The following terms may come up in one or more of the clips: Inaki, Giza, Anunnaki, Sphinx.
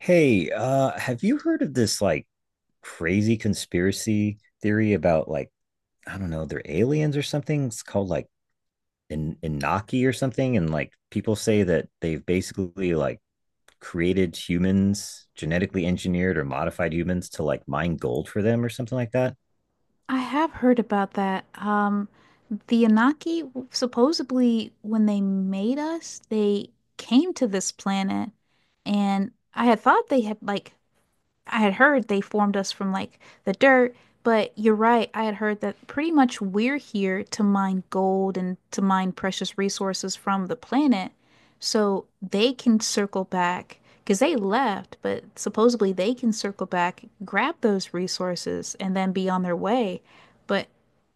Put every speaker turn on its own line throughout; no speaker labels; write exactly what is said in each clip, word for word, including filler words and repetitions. Hey, uh, have you heard of this like crazy conspiracy theory about like I don't know, they're aliens or something? It's called like In Inaki or something, and like people say that they've basically like created humans, genetically engineered or modified humans to like mine gold for them or something like that.
I have heard about that. Um, the Anunnaki, w- supposedly, when they made us, they came to this planet, and I had thought they had like I had heard they formed us from like the dirt, but you're right. I had heard that pretty much we're here to mine gold and to mine precious resources from the planet. So they can circle back because they left, but supposedly they can circle back, grab those resources, and then be on their way. But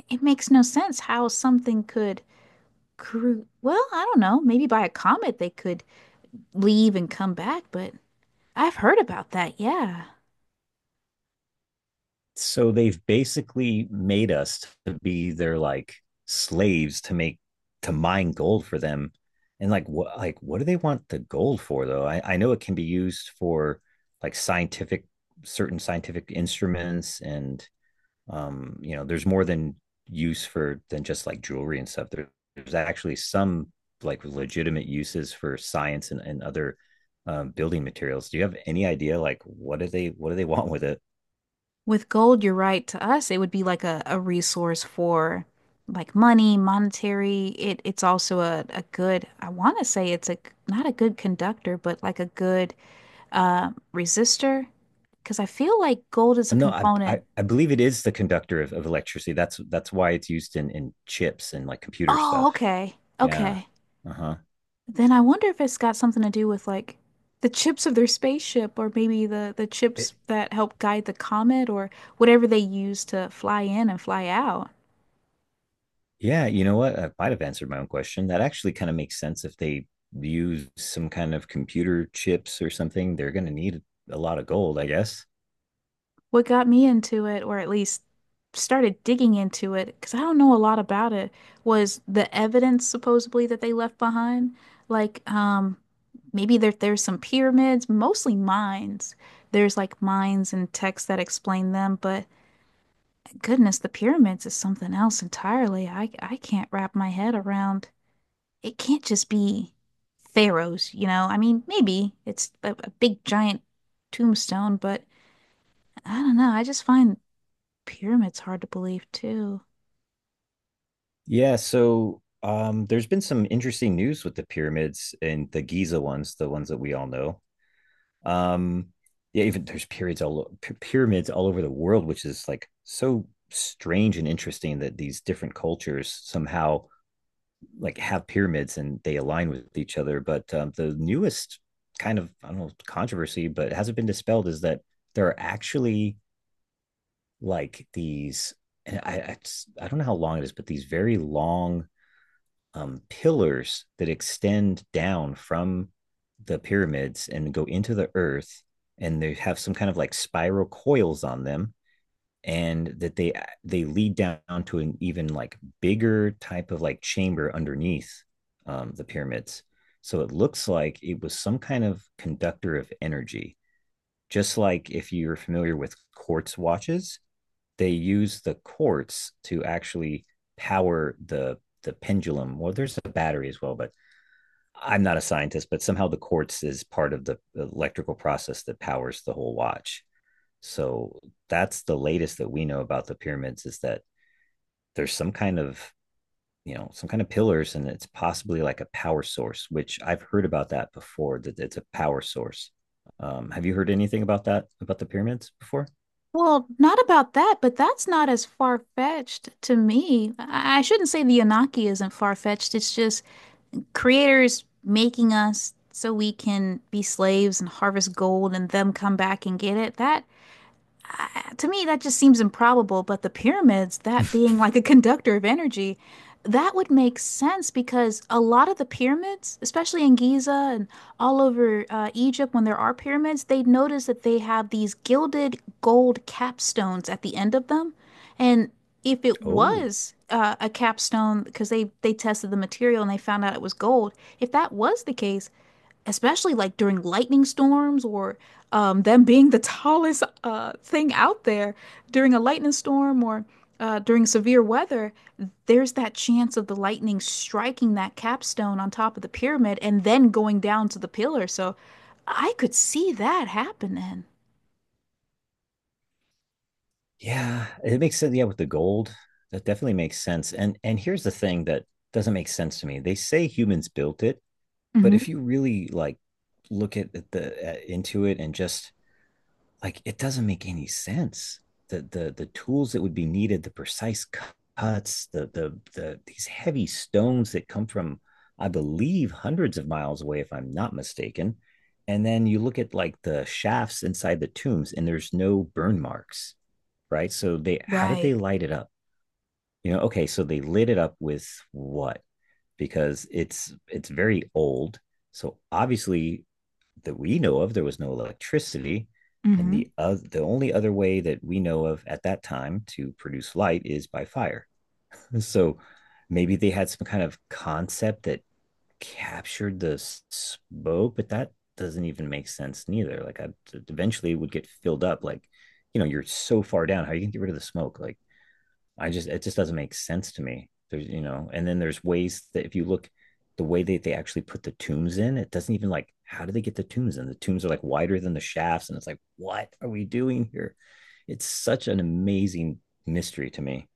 it makes no sense how something could crew. Well, I don't know. Maybe by a comet they could leave and come back, but I've heard about that. Yeah.
So they've basically made us to be their like slaves to make to mine gold for them. And like what like what do they want the gold for? Though i i know it can be used for like scientific certain scientific instruments. And um you know, there's more than use for than just like jewelry and stuff. There, there's actually some like legitimate uses for science and, and other um, building materials. Do you have any idea like what do they what do they want with it?
With gold, you're right. To us, it would be like a, a resource for like money, monetary. It it's also a, a good, I want to say it's a not a good conductor, but like a good uh resistor. Because I feel like gold is a
No, I, I
component.
I believe it is the conductor of, of electricity. That's that's why it's used in in chips and like computer
Oh,
stuff.
okay.
Yeah.
Okay.
Uh-huh.
Then I wonder if it's got something to do with like the chips of their spaceship or maybe the the
It,
chips that help guide the comet or whatever they use to fly in and fly out.
yeah, you know what? I might have answered my own question. That actually kind of makes sense. If they use some kind of computer chips or something, they're going to need a lot of gold, I guess.
What got me into it, or at least started digging into it, because I don't know a lot about it, was the evidence supposedly that they left behind. Like, um, maybe there there's some pyramids, mostly mines. There's like mines and texts that explain them, but goodness, the pyramids is something else entirely. I I can't wrap my head around. It can't just be pharaohs, you know? I mean, maybe it's a, a big giant tombstone, but I don't know. I just find pyramids hard to believe too.
Yeah, so um there's been some interesting news with the pyramids, and the Giza ones, the ones that we all know. Um, yeah, even there's periods all pyramids all over the world, which is like so strange and interesting that these different cultures somehow like have pyramids and they align with each other. But um, the newest kind of, I don't know, controversy, but it hasn't been dispelled, is that there are actually like these, and I I, I don't know how long it is, but these very long um, pillars that extend down from the pyramids and go into the earth, and they have some kind of like spiral coils on them, and that they they lead down to an even like bigger type of like chamber underneath um, the pyramids. So it looks like it was some kind of conductor of energy. Just like if you're familiar with quartz watches, they use the quartz to actually power the the pendulum. Well, there's a battery as well, but I'm not a scientist. But somehow the quartz is part of the electrical process that powers the whole watch. So that's the latest that we know about the pyramids, is that there's some kind of, you know some kind of pillars, and it's possibly like a power source, which I've heard about that before, that it's a power source. Um, have you heard anything about that, about the pyramids before?
Well, not about that, but that's not as far-fetched to me. I I shouldn't say the Anunnaki isn't far-fetched. It's just creators making us so we can be slaves and harvest gold and them come back and get it. That I- to me, that just seems improbable, but the pyramids, that being like a conductor of energy, that would make sense because a lot of the pyramids, especially in Giza and all over uh, Egypt, when there are pyramids, they notice that they have these gilded gold capstones at the end of them. And if it
Oh,
was uh, a capstone, because they, they tested the material and they found out it was gold, if that was the case, especially like during lightning storms or um, them being the tallest uh, thing out there during a lightning storm or uh, during severe weather, there's that chance of the lightning striking that capstone on top of the pyramid and then going down to the pillar. So I could see that happening.
yeah, it makes sense. Yeah, with the gold, that definitely makes sense. And and here's the thing that doesn't make sense to me. They say humans built it, but
Hmm.
if you really like look at at the at, into it, and just like it doesn't make any sense. The the the tools that would be needed, the precise cu- cuts, the the the these heavy stones that come from, I believe, hundreds of miles away, if I'm not mistaken. And then you look at like the shafts inside the tombs, and there's no burn marks, right? So they how did they
Right.
light it up? You know, okay, so they lit it up with what? Because it's it's very old. So obviously, that we know of, there was no electricity. And the uh, the only other way that we know of at that time to produce light is by fire. So maybe they had some kind of concept that captured the smoke, but that doesn't even make sense neither. Like I Eventually it would get filled up. Like, you know, you're so far down. How are you gonna get rid of the smoke? Like, I just it just doesn't make sense to me. There's You know, and then there's ways that if you look the way that they actually put the tombs in, it doesn't even like, how do they get the tombs in? The tombs are like wider than the shafts, and it's like, what are we doing here? It's such an amazing mystery to me.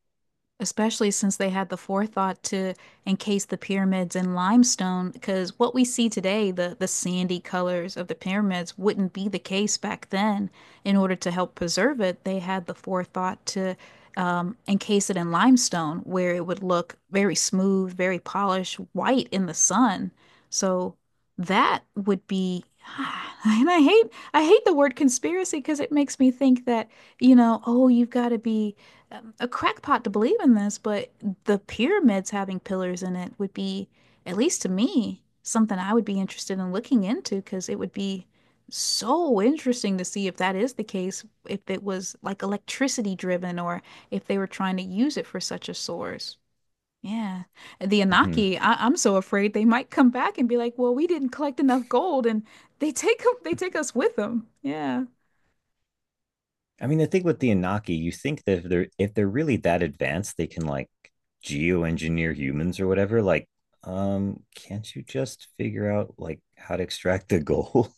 Especially since they had the forethought to encase the pyramids in limestone, because what we see today, the, the sandy colors of the pyramids, wouldn't be the case back then. In order to help preserve it, they had the forethought to um, encase it in limestone, where it would look very smooth, very polished, white in the sun. So that would be, and I hate, I hate the word conspiracy because it makes me think that, you know, oh, you've got to be um, a crackpot to believe in this, but the pyramids having pillars in it would be, at least to me, something I would be interested in looking into because it would be so interesting to see if that is the case, if it was like electricity driven or if they were trying to use it for such a source. Yeah. The
Mm-hmm.
Anaki, I I'm so afraid they might come back and be like, well, we didn't collect enough gold and they take they take us with them. Yeah.
I mean, the thing with the Inaki, you think that if they're if they're really that advanced, they can like geoengineer humans or whatever. Like, um, can't you just figure out like how to extract the gold?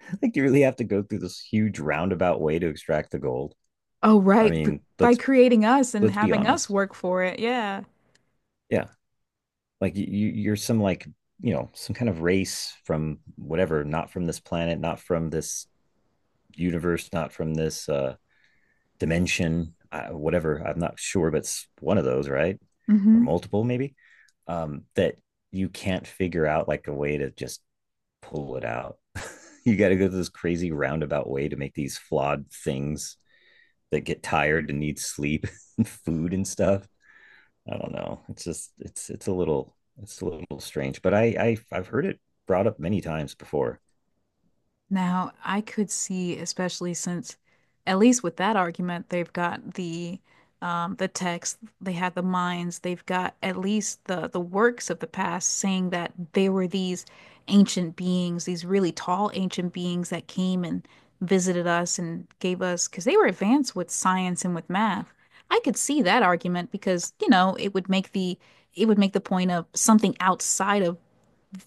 Like, you really have to go through this huge roundabout way to extract the gold.
Oh,
I
right. b-
mean,
By
let's
creating us and
let's be
having us
honest.
work for it. Yeah.
Yeah, like you you're some like, you know, some kind of race from whatever, not from this planet, not from this universe, not from this uh, dimension, uh, whatever. I'm not sure, but it's one of those, right? Or
Hmm.
multiple, maybe. Um, that you can't figure out like a way to just pull it out. You got to go through this crazy roundabout way to make these flawed things that get tired and need sleep and food and stuff. I don't know. It's just, it's it's a little, it's a little strange, but I, I I've heard it brought up many times before.
Now, I could see, especially since, at least with that argument, they've got the um, the text, they have the minds, they've got at least the the works of the past saying that they were these ancient beings, these really tall ancient beings that came and visited us and gave us, because they were advanced with science and with math. I could see that argument because, you know, it would make the it would make the point of something outside of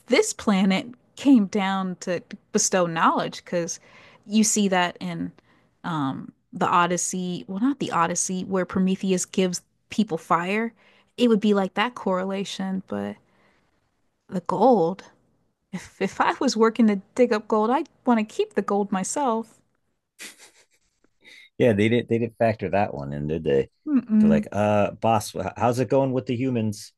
this planet came down to bestow knowledge because you see that in um, the Odyssey. Well, not the Odyssey, where Prometheus gives people fire. It would be like that correlation, but the gold. If if I was working to dig up gold, I'd want to keep the gold myself.
Yeah, they did not they didn't factor that one in, did they? They're
Mm-mm.
like, uh, boss, wh- how's it going with the humans?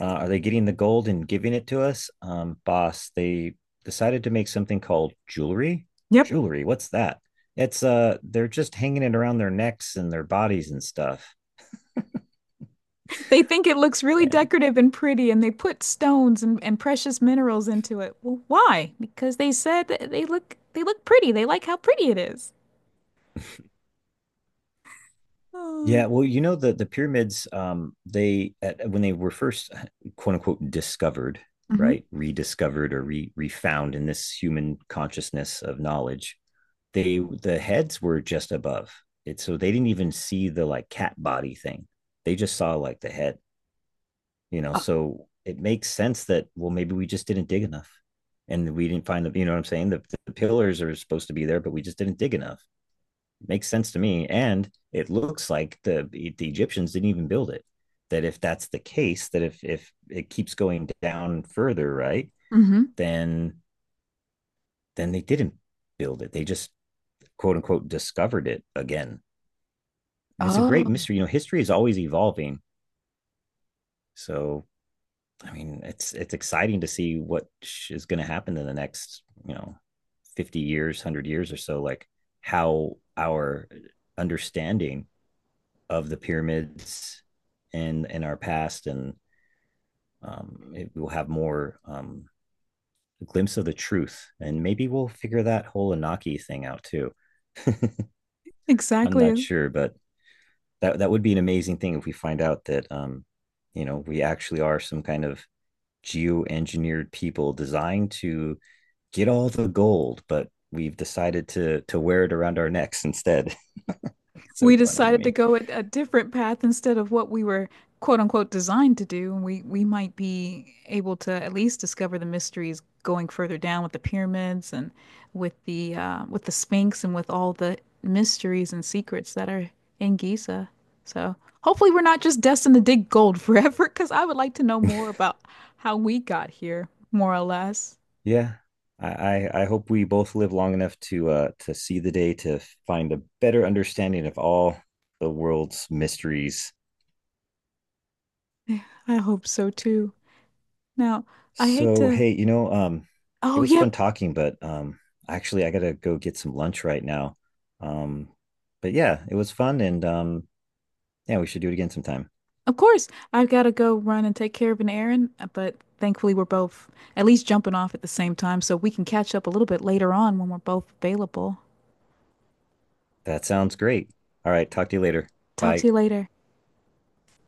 Uh, are they getting the gold and giving it to us? Um, boss, they decided to make something called jewelry.
Yep.
Jewelry, what's that? It's uh, they're just hanging it around their necks and their bodies and stuff,
They think it looks really
man.
decorative and pretty, and they put stones and, and precious minerals into it. Well, why? Because they said that they look they look pretty. They like how pretty it is. Oh,
Yeah, well, you know, the the pyramids, um, they at, when they were first quote unquote discovered,
hmm,
right, rediscovered or re refound in this human consciousness of knowledge, they the heads were just above it, so they didn't even see the like cat body thing. They just saw like the head, you know? So it makes sense that, well, maybe we just didn't dig enough, and we didn't find the, you know what I'm saying, the, the pillars are supposed to be there, but we just didn't dig enough. It makes sense to me, and it looks like the the Egyptians didn't even build it. That if that's the case, that if if it keeps going down further, right,
hmm,
then then they didn't build it. They just quote unquote discovered it again. It's a great
oh,
mystery. You know, history is always evolving. So I mean, it's it's exciting to see what is going to happen in the next, you know, fifty years, a hundred years or so. Like how our understanding of the pyramids and in our past, and um, it, we'll have more, um, a glimpse of the truth, and maybe we'll figure that whole Anaki thing out too. I'm
exactly.
not sure, but that that would be an amazing thing if we find out that, um, you know, we actually are some kind of geo-engineered people designed to get all the gold, but we've decided to to wear it around our necks instead. It's
We
so funny to
decided to
me.
go a, a different path instead of what we were quote unquote designed to do. And we we might be able to at least discover the mysteries going further down with the pyramids and with the uh, with the Sphinx and with all the mysteries and secrets that are in Giza. So hopefully we're not just destined to dig gold forever, because I would like to know more about how we got here, more or less.
Yeah. I, I I hope we both live long enough to uh to see the day, to find a better understanding of all the world's mysteries.
I hope so too. Now, I hate
So
to.
hey, you know, um it
Oh,
was
yep,
fun talking, but um actually I gotta go get some lunch right now. Um but yeah, it was fun, and um yeah, we should do it again sometime.
of course. I've got to go run and take care of an errand, but thankfully we're both at least jumping off at the same time, so we can catch up a little bit later on when we're both available.
That sounds great. All right, talk to you later.
Talk to
Bye.
you later.